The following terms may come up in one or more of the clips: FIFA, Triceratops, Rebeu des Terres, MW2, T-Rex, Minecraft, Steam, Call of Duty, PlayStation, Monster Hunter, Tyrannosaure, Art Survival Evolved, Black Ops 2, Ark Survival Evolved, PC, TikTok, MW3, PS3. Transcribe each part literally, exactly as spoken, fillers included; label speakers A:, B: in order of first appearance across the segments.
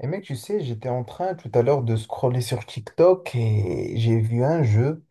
A: Et mec, tu sais, j'étais en train tout à l'heure de scroller sur TikTok et j'ai vu un jeu,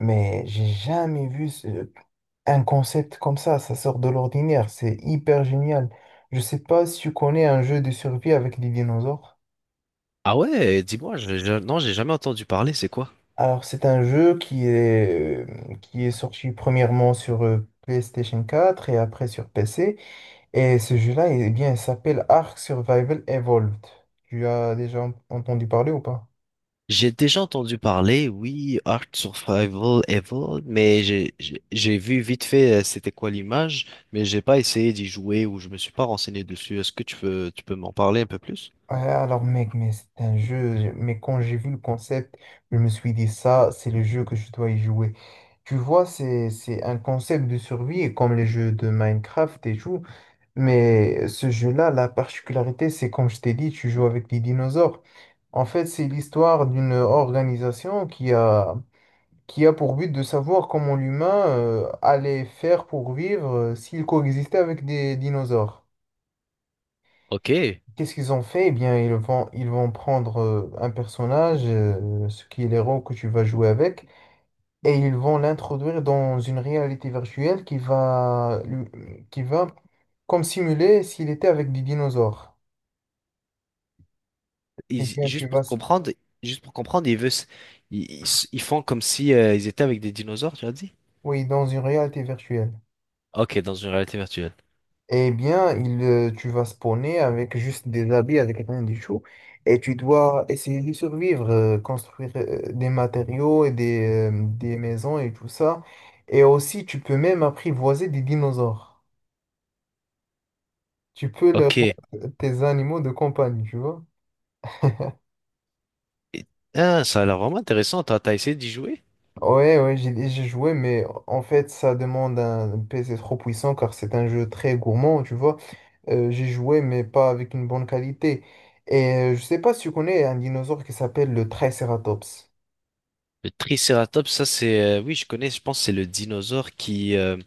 A: mais j'ai jamais vu ce- un concept comme ça. Ça sort de l'ordinaire, c'est hyper génial. Je sais pas si tu connais un jeu de survie avec des dinosaures.
B: Ah ouais, dis-moi, je, je- non, j'ai jamais entendu parler, c'est quoi?
A: Alors, c'est un jeu qui est, euh, qui est sorti premièrement sur euh, PlayStation quatre et après sur P C. Et ce jeu-là, eh bien, il s'appelle Ark Survival Evolved. Tu as déjà entendu parler ou pas?
B: J'ai déjà entendu parler, oui, Art Survival Evolved, mais j'ai j'ai j'ai vu vite fait, euh, c'était quoi l'image, mais j'ai pas essayé d'y jouer ou je me suis pas renseigné dessus. Est-ce que tu peux tu peux m'en parler un peu plus?
A: Ouais, alors mec, mais c'est un jeu, je- mais quand j'ai vu le concept, je me suis dit ça, c'est le jeu que je dois y jouer. Tu vois, c'est, c'est un concept de survie comme les jeux de Minecraft et tout, mais ce jeu-là, la particularité, c'est comme je t'ai dit, tu joues avec des dinosaures. En fait, c'est l'histoire d'une organisation qui a, qui a pour but de savoir comment l'humain euh, allait faire pour vivre euh, s'il coexistait avec des dinosaures.
B: Ok.
A: Qu'est-ce qu'ils ont fait? Eh bien, ils vont, ils vont prendre euh, un personnage, euh, ce qui est l'héros que tu vas jouer avec, et ils vont l'introduire dans une réalité virtuelle qui va, lui- qui va comme simuler s'il était avec des dinosaures. Eh
B: Ils-
A: bien, tu
B: juste
A: vas,
B: pour
A: s-
B: comprendre, juste pour comprendre, ils veulent, s- ils, ils s- ils font comme si euh, ils étaient avec des dinosaures, tu as dit?
A: oui, dans une réalité virtuelle.
B: Ok, dans une réalité virtuelle.
A: Eh bien, il, euh, tu vas spawner avec juste des habits, avec rien du tout. Et tu dois essayer de survivre, euh, construire euh, des matériaux et des, euh, des maisons et tout ça. Et aussi, tu peux même apprivoiser des dinosaures. Tu peux leur
B: Ok. Et-
A: rendre tes animaux de compagnie, tu vois.
B: ah, ça a l'air vraiment intéressant. T'as t'as essayé d'y jouer?
A: Ouais, ouais, j'ai j'ai joué, mais en fait, ça demande un P C trop puissant car c'est un jeu très gourmand, tu vois. Euh, j'ai joué, mais pas avec une bonne qualité. Et euh, je sais pas si tu connais un dinosaure qui s'appelle le Triceratops.
B: Le Triceratops, ça c'est, euh, oui, je connais. Je pense que c'est le dinosaure qui euh,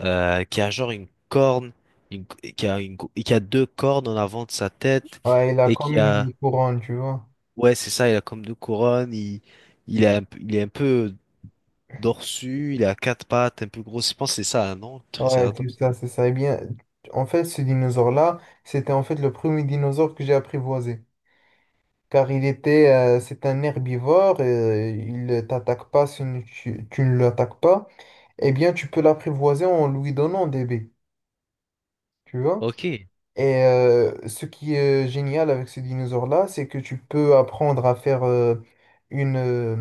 B: euh, qui a genre une corne, une- qui a une, qui a deux cornes en avant de sa tête
A: Ouais, il a
B: et
A: comme
B: qui a,
A: une couronne, tu vois.
B: ouais, c'est ça. Il a comme deux couronnes. Il il a un peu- il est un peu dorsu. Il a quatre pattes, un peu gros. Je pense que c'est ça, hein, non,
A: Ouais, c'est
B: Triceratops.
A: ça, c'est ça. Eh bien, en fait, ce dinosaure-là, c'était en fait le premier dinosaure que j'ai apprivoisé. Car il était, euh, c'est un herbivore, euh, il ne t'attaque pas si tu, tu ne l'attaques pas. Eh bien, tu peux l'apprivoiser en lui donnant des baies, tu vois.
B: Ok,
A: Et euh, ce qui est génial avec ce dinosaure-là, c'est que tu peux apprendre à faire euh, une... euh,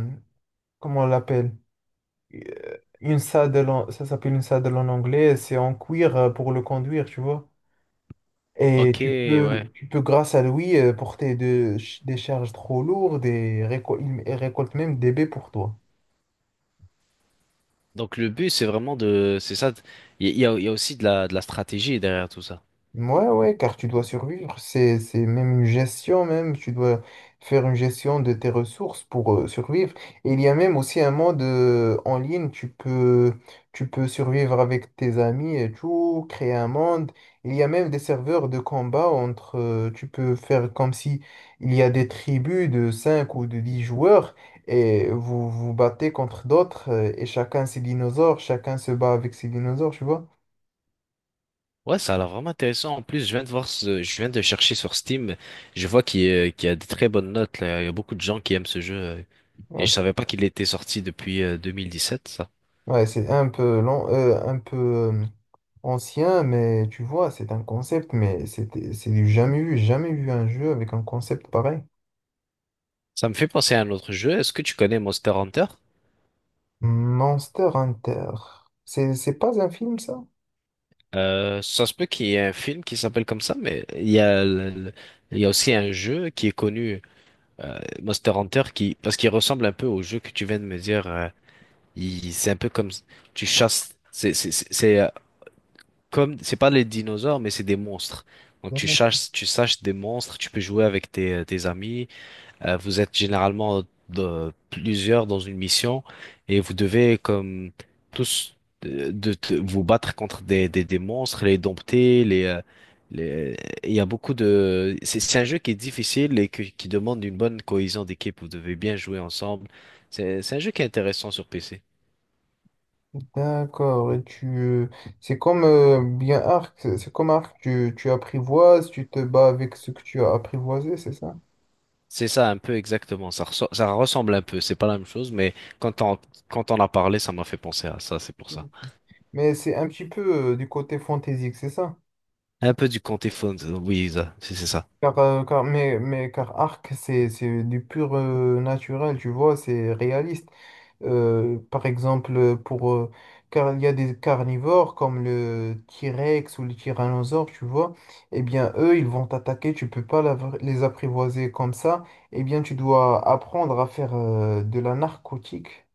A: comment on l'appelle? Euh, Une saddle, en- ça s'appelle une saddle en anglais, c'est en cuir euh, pour le conduire, tu vois. Et
B: ok,
A: tu peux,
B: ouais.
A: tu peux grâce à lui, euh, porter de- des charges trop lourdes et récol- il récolte même des baies pour toi.
B: Donc le but c'est vraiment de, c'est ça. Il y a, il y a il y a aussi de la de la stratégie derrière tout ça.
A: Ouais, ouais, car tu dois survivre, c'est, c'est même une gestion même, tu dois faire une gestion de tes ressources pour euh, survivre. Et il y a même aussi un monde euh, en ligne, tu peux, tu peux survivre avec tes amis et tout, créer un monde. Il y a même des serveurs de combat entre, euh, tu peux faire comme si il y a des tribus de cinq ou de dix joueurs et vous vous battez contre d'autres euh, et chacun ses dinosaures, chacun se bat avec ses dinosaures, tu vois.
B: Ouais, ça a l'air vraiment intéressant. En plus, je viens de voir, ce- je viens de chercher sur Steam. Je vois qu'il y a qu'il y a des très bonnes notes là. Il y a beaucoup de gens qui aiment ce jeu. euh, Et
A: Ouais.
B: je savais pas qu'il était sorti depuis euh, deux mille dix-sept, ça.
A: Ouais, c'est un peu lent, euh, un peu euh, ancien, mais tu vois, c'est un concept, mais c'était, c'est du jamais vu, jamais vu un jeu avec un concept pareil.
B: Ça me fait penser à un autre jeu. Est-ce que tu connais Monster Hunter?
A: Monster Hunter. C'est, c'est pas un film, ça?
B: Euh, ça se peut qu'il y ait un film qui s'appelle comme ça, mais il y a, le- le- il y a aussi un jeu qui est connu, euh, Monster Hunter, qui, parce qu'il ressemble un peu au jeu que tu viens de me dire. Euh, il- c'est un peu comme tu chasses. C'est c'est- c'est- c'est, comme c'est pas les dinosaures mais c'est des monstres. Donc tu chasses tu saches des monstres, tu peux jouer avec tes euh, tes amis. Euh, vous êtes généralement de- plusieurs dans une mission et vous devez comme tous euh, de, te- vous battre contre des des, des monstres, les dompter, les euh, les il y a beaucoup de c'est c'est un jeu qui est difficile et que- qui demande une bonne cohésion d'équipe, vous devez bien jouer ensemble. C'est c'est un jeu qui est intéressant sur P C.
A: D'accord, et tu, euh, c'est comme euh, bien Arc, c'est c'est comme Arc, tu, tu apprivoises, tu te bats avec ce que tu as apprivoisé, c'est ça?
B: C'est ça, un peu exactement. Ça, resso- ça ressemble un peu. C'est pas la même chose, mais quand on, quand on a parlé, ça m'a fait penser à ça. C'est pour ça.
A: Mais c'est un petit peu euh, du côté fantaisique, c'est ça?
B: Un peu du Comté Phones. Oui, ça- c'est c'est ça.
A: Car, euh, car- mais, mais car Arc, c'est c'est du pur euh, naturel, tu vois, c'est réaliste. Euh, par exemple, euh, pour, euh, car il y a des carnivores comme le T-Rex ou le Tyrannosaure, tu vois, eh bien, eux, ils vont t'attaquer, tu peux pas l'av- les apprivoiser comme ça. Eh bien, tu dois apprendre à faire euh, de la narcotique,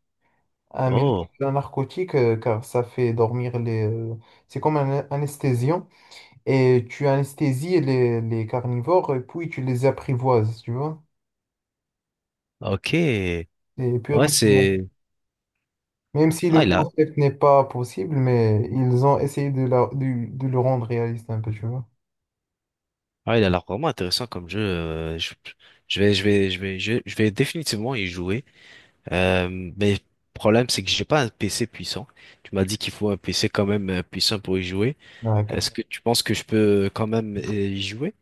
A: un mélange
B: Oh,
A: de la narcotique, euh, car ça fait dormir les... euh, c'est comme un anesthésiant et tu anesthésies les, les carnivores et puis tu les apprivoises, tu vois.
B: ok.
A: C'est
B: Ouais,
A: purement-
B: c'est.
A: Même si le
B: Ah, il a,
A: concept n'est pas possible, mais ils ont essayé de, la- de, de le rendre réaliste un peu, tu vois.
B: ah, il a l'air vraiment intéressant comme jeu. Euh, Je, je vais, je vais, je vais, je, je vais définitivement y jouer. Euh, mais le problème, c'est que j'ai pas un P C puissant. Tu m'as dit qu'il faut un P C quand même euh, puissant pour y jouer.
A: Ouais.
B: Est-ce que tu penses que je peux quand même euh, y jouer?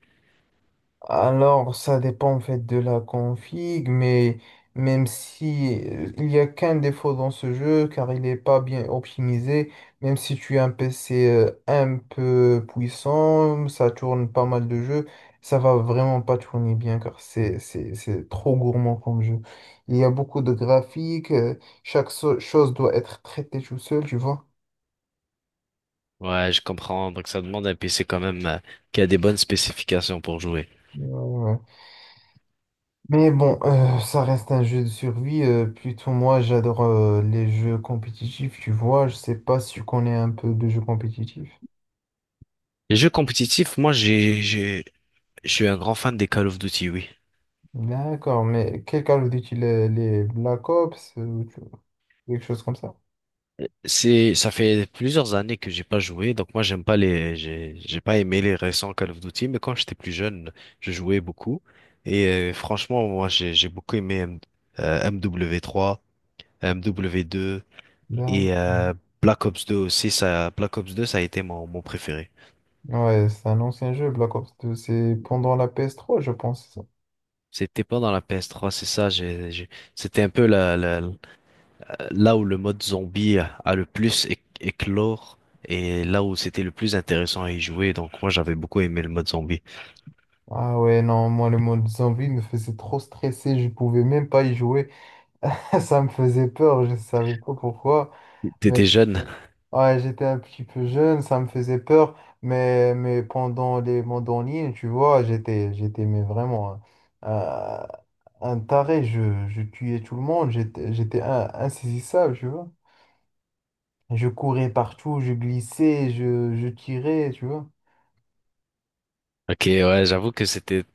A: Alors, ça dépend en fait de la config, mais même si euh, il y a qu'un défaut dans ce jeu, car il n'est pas bien optimisé, même si tu as un P C euh, un peu puissant, ça tourne pas mal de jeux, ça va vraiment pas tourner bien, car c'est c'est- c'est trop gourmand comme jeu. Il y a beaucoup de graphiques, euh, chaque so- chose doit être traitée tout seul, tu vois.
B: Ouais, je comprends. Donc ça demande un P C quand même euh, qui a des bonnes spécifications pour jouer.
A: Mais bon, euh, ça reste un jeu de survie. euh, plutôt moi, j'adore euh, les jeux compétitifs, tu vois. Je sais pas si tu connais un peu de jeux compétitifs.
B: Les jeux compétitifs, moi j'ai j'ai je suis un grand fan des Call of Duty, oui.
A: D'accord, mais quel Call of Duty, les, les Black Ops, euh, ou tu- quelque chose comme ça.
B: C'est, ça fait plusieurs années que j'ai pas joué, donc moi j'aime pas les, j'ai, j'ai pas aimé les récents Call of Duty, mais quand j'étais plus jeune, je jouais beaucoup. Et euh, franchement, moi j'ai, j'ai beaucoup aimé M, euh, M W trois, M W deux
A: Là.
B: et euh, Black Ops deux aussi. Ça, Black Ops deux, ça a été mon, mon préféré.
A: Ouais, c'est un ancien jeu, Black Ops deux. C'est pendant la P S trois, je pense. C'est ça.
B: C'était pas dans la P S trois, c'est ça. J'ai, j'ai- c'était un peu la, la- là où le mode zombie a le plus éc- éclore et là où c'était le plus intéressant à y jouer. Donc moi j'avais beaucoup aimé le mode zombie.
A: Ah ouais, non, moi, le mode zombie me faisait trop stresser. Je pouvais même pas y jouer. Ça me faisait peur, je savais pas pourquoi.
B: T'étais jeune.
A: Ouais, j'étais un petit peu jeune, ça me faisait peur, mais, mais pendant les mandolines, tu vois, j'étais, j'étais mais vraiment un, un- un taré, je, je tuais tout le monde, j'étais, j'étais un- insaisissable, tu vois. Je courais partout, je glissais, je, je tirais, tu vois.
B: Ok, ouais, j'avoue que c'était.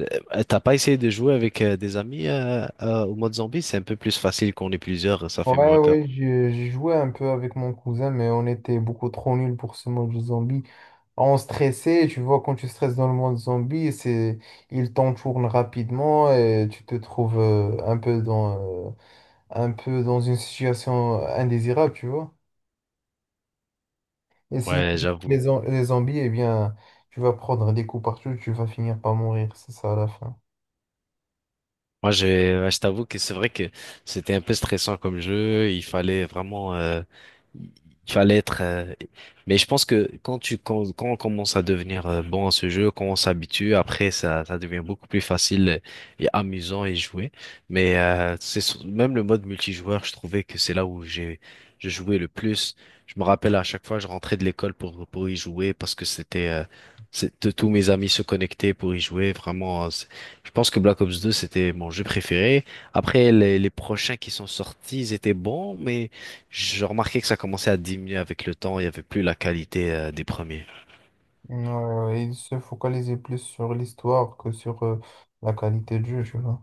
B: Euh, T'as pas essayé de jouer avec euh, des amis euh, euh, au mode zombie? C'est un peu plus facile qu'on est plusieurs, ça fait
A: Ouais,
B: moins peur.
A: ouais, j'ai j'ai joué un peu avec mon cousin, mais on était beaucoup trop nuls pour ce mode de zombie. On stressait, tu vois, quand tu stresses dans le monde zombie, c'est, il t'entoure rapidement et tu te trouves euh, un peu dans, euh, un peu dans une situation indésirable, tu vois. Et si
B: Ouais,
A: les,
B: j'avoue.
A: zom- les zombies, eh bien, tu vas prendre des coups partout, tu vas finir par mourir, c'est ça à la fin.
B: Moi, j'ai, ouais, je t'avoue que c'est vrai que c'était un peu stressant comme jeu. Il fallait vraiment, euh, il fallait être. Euh, mais je pense que quand tu, quand, quand on commence à devenir euh, bon à ce jeu, quand on s'habitue, après ça, ça devient beaucoup plus facile et amusant et jouer. Mais euh, c'est sur- même le mode multijoueur, je trouvais que c'est là où j'ai, je jouais le plus. Je me rappelle à chaque fois, je rentrais de l'école pour pour y jouer parce que c'était, euh, c'est- tous mes amis se connectaient pour y jouer. Vraiment, je pense que Black Ops deux, c'était mon jeu préféré. Après, les, les prochains qui sont sortis, ils étaient bons, mais je remarquais que ça commençait à diminuer avec le temps. Il n'y avait plus la qualité, euh, des premiers.
A: Ouais, il se focalisait plus sur l'histoire que sur euh, la qualité de jeu, tu vois.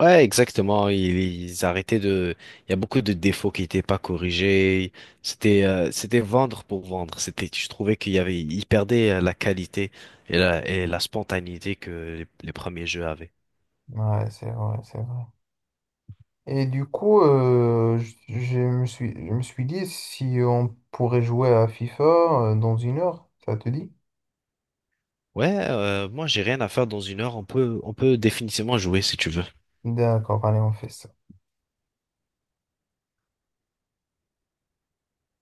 B: Ouais, exactement. Ils, ils arrêtaient de... Il y a beaucoup de défauts qui n'étaient pas corrigés. C'était euh, c'était vendre pour vendre. C'était, je trouvais qu'il y avait... Ils perdaient euh, la qualité et la, et la spontanéité que les, les premiers jeux avaient.
A: Ouais, c'est vrai, c'est vrai. Et du coup, euh, je, je me suis, je me suis dit si on pourrait jouer à FIFA euh, dans une heure, ça te dit?
B: Ouais, euh, moi, j'ai rien à faire dans une heure. On peut, on peut définitivement jouer si tu veux.
A: D'accord, allez, on fait ça.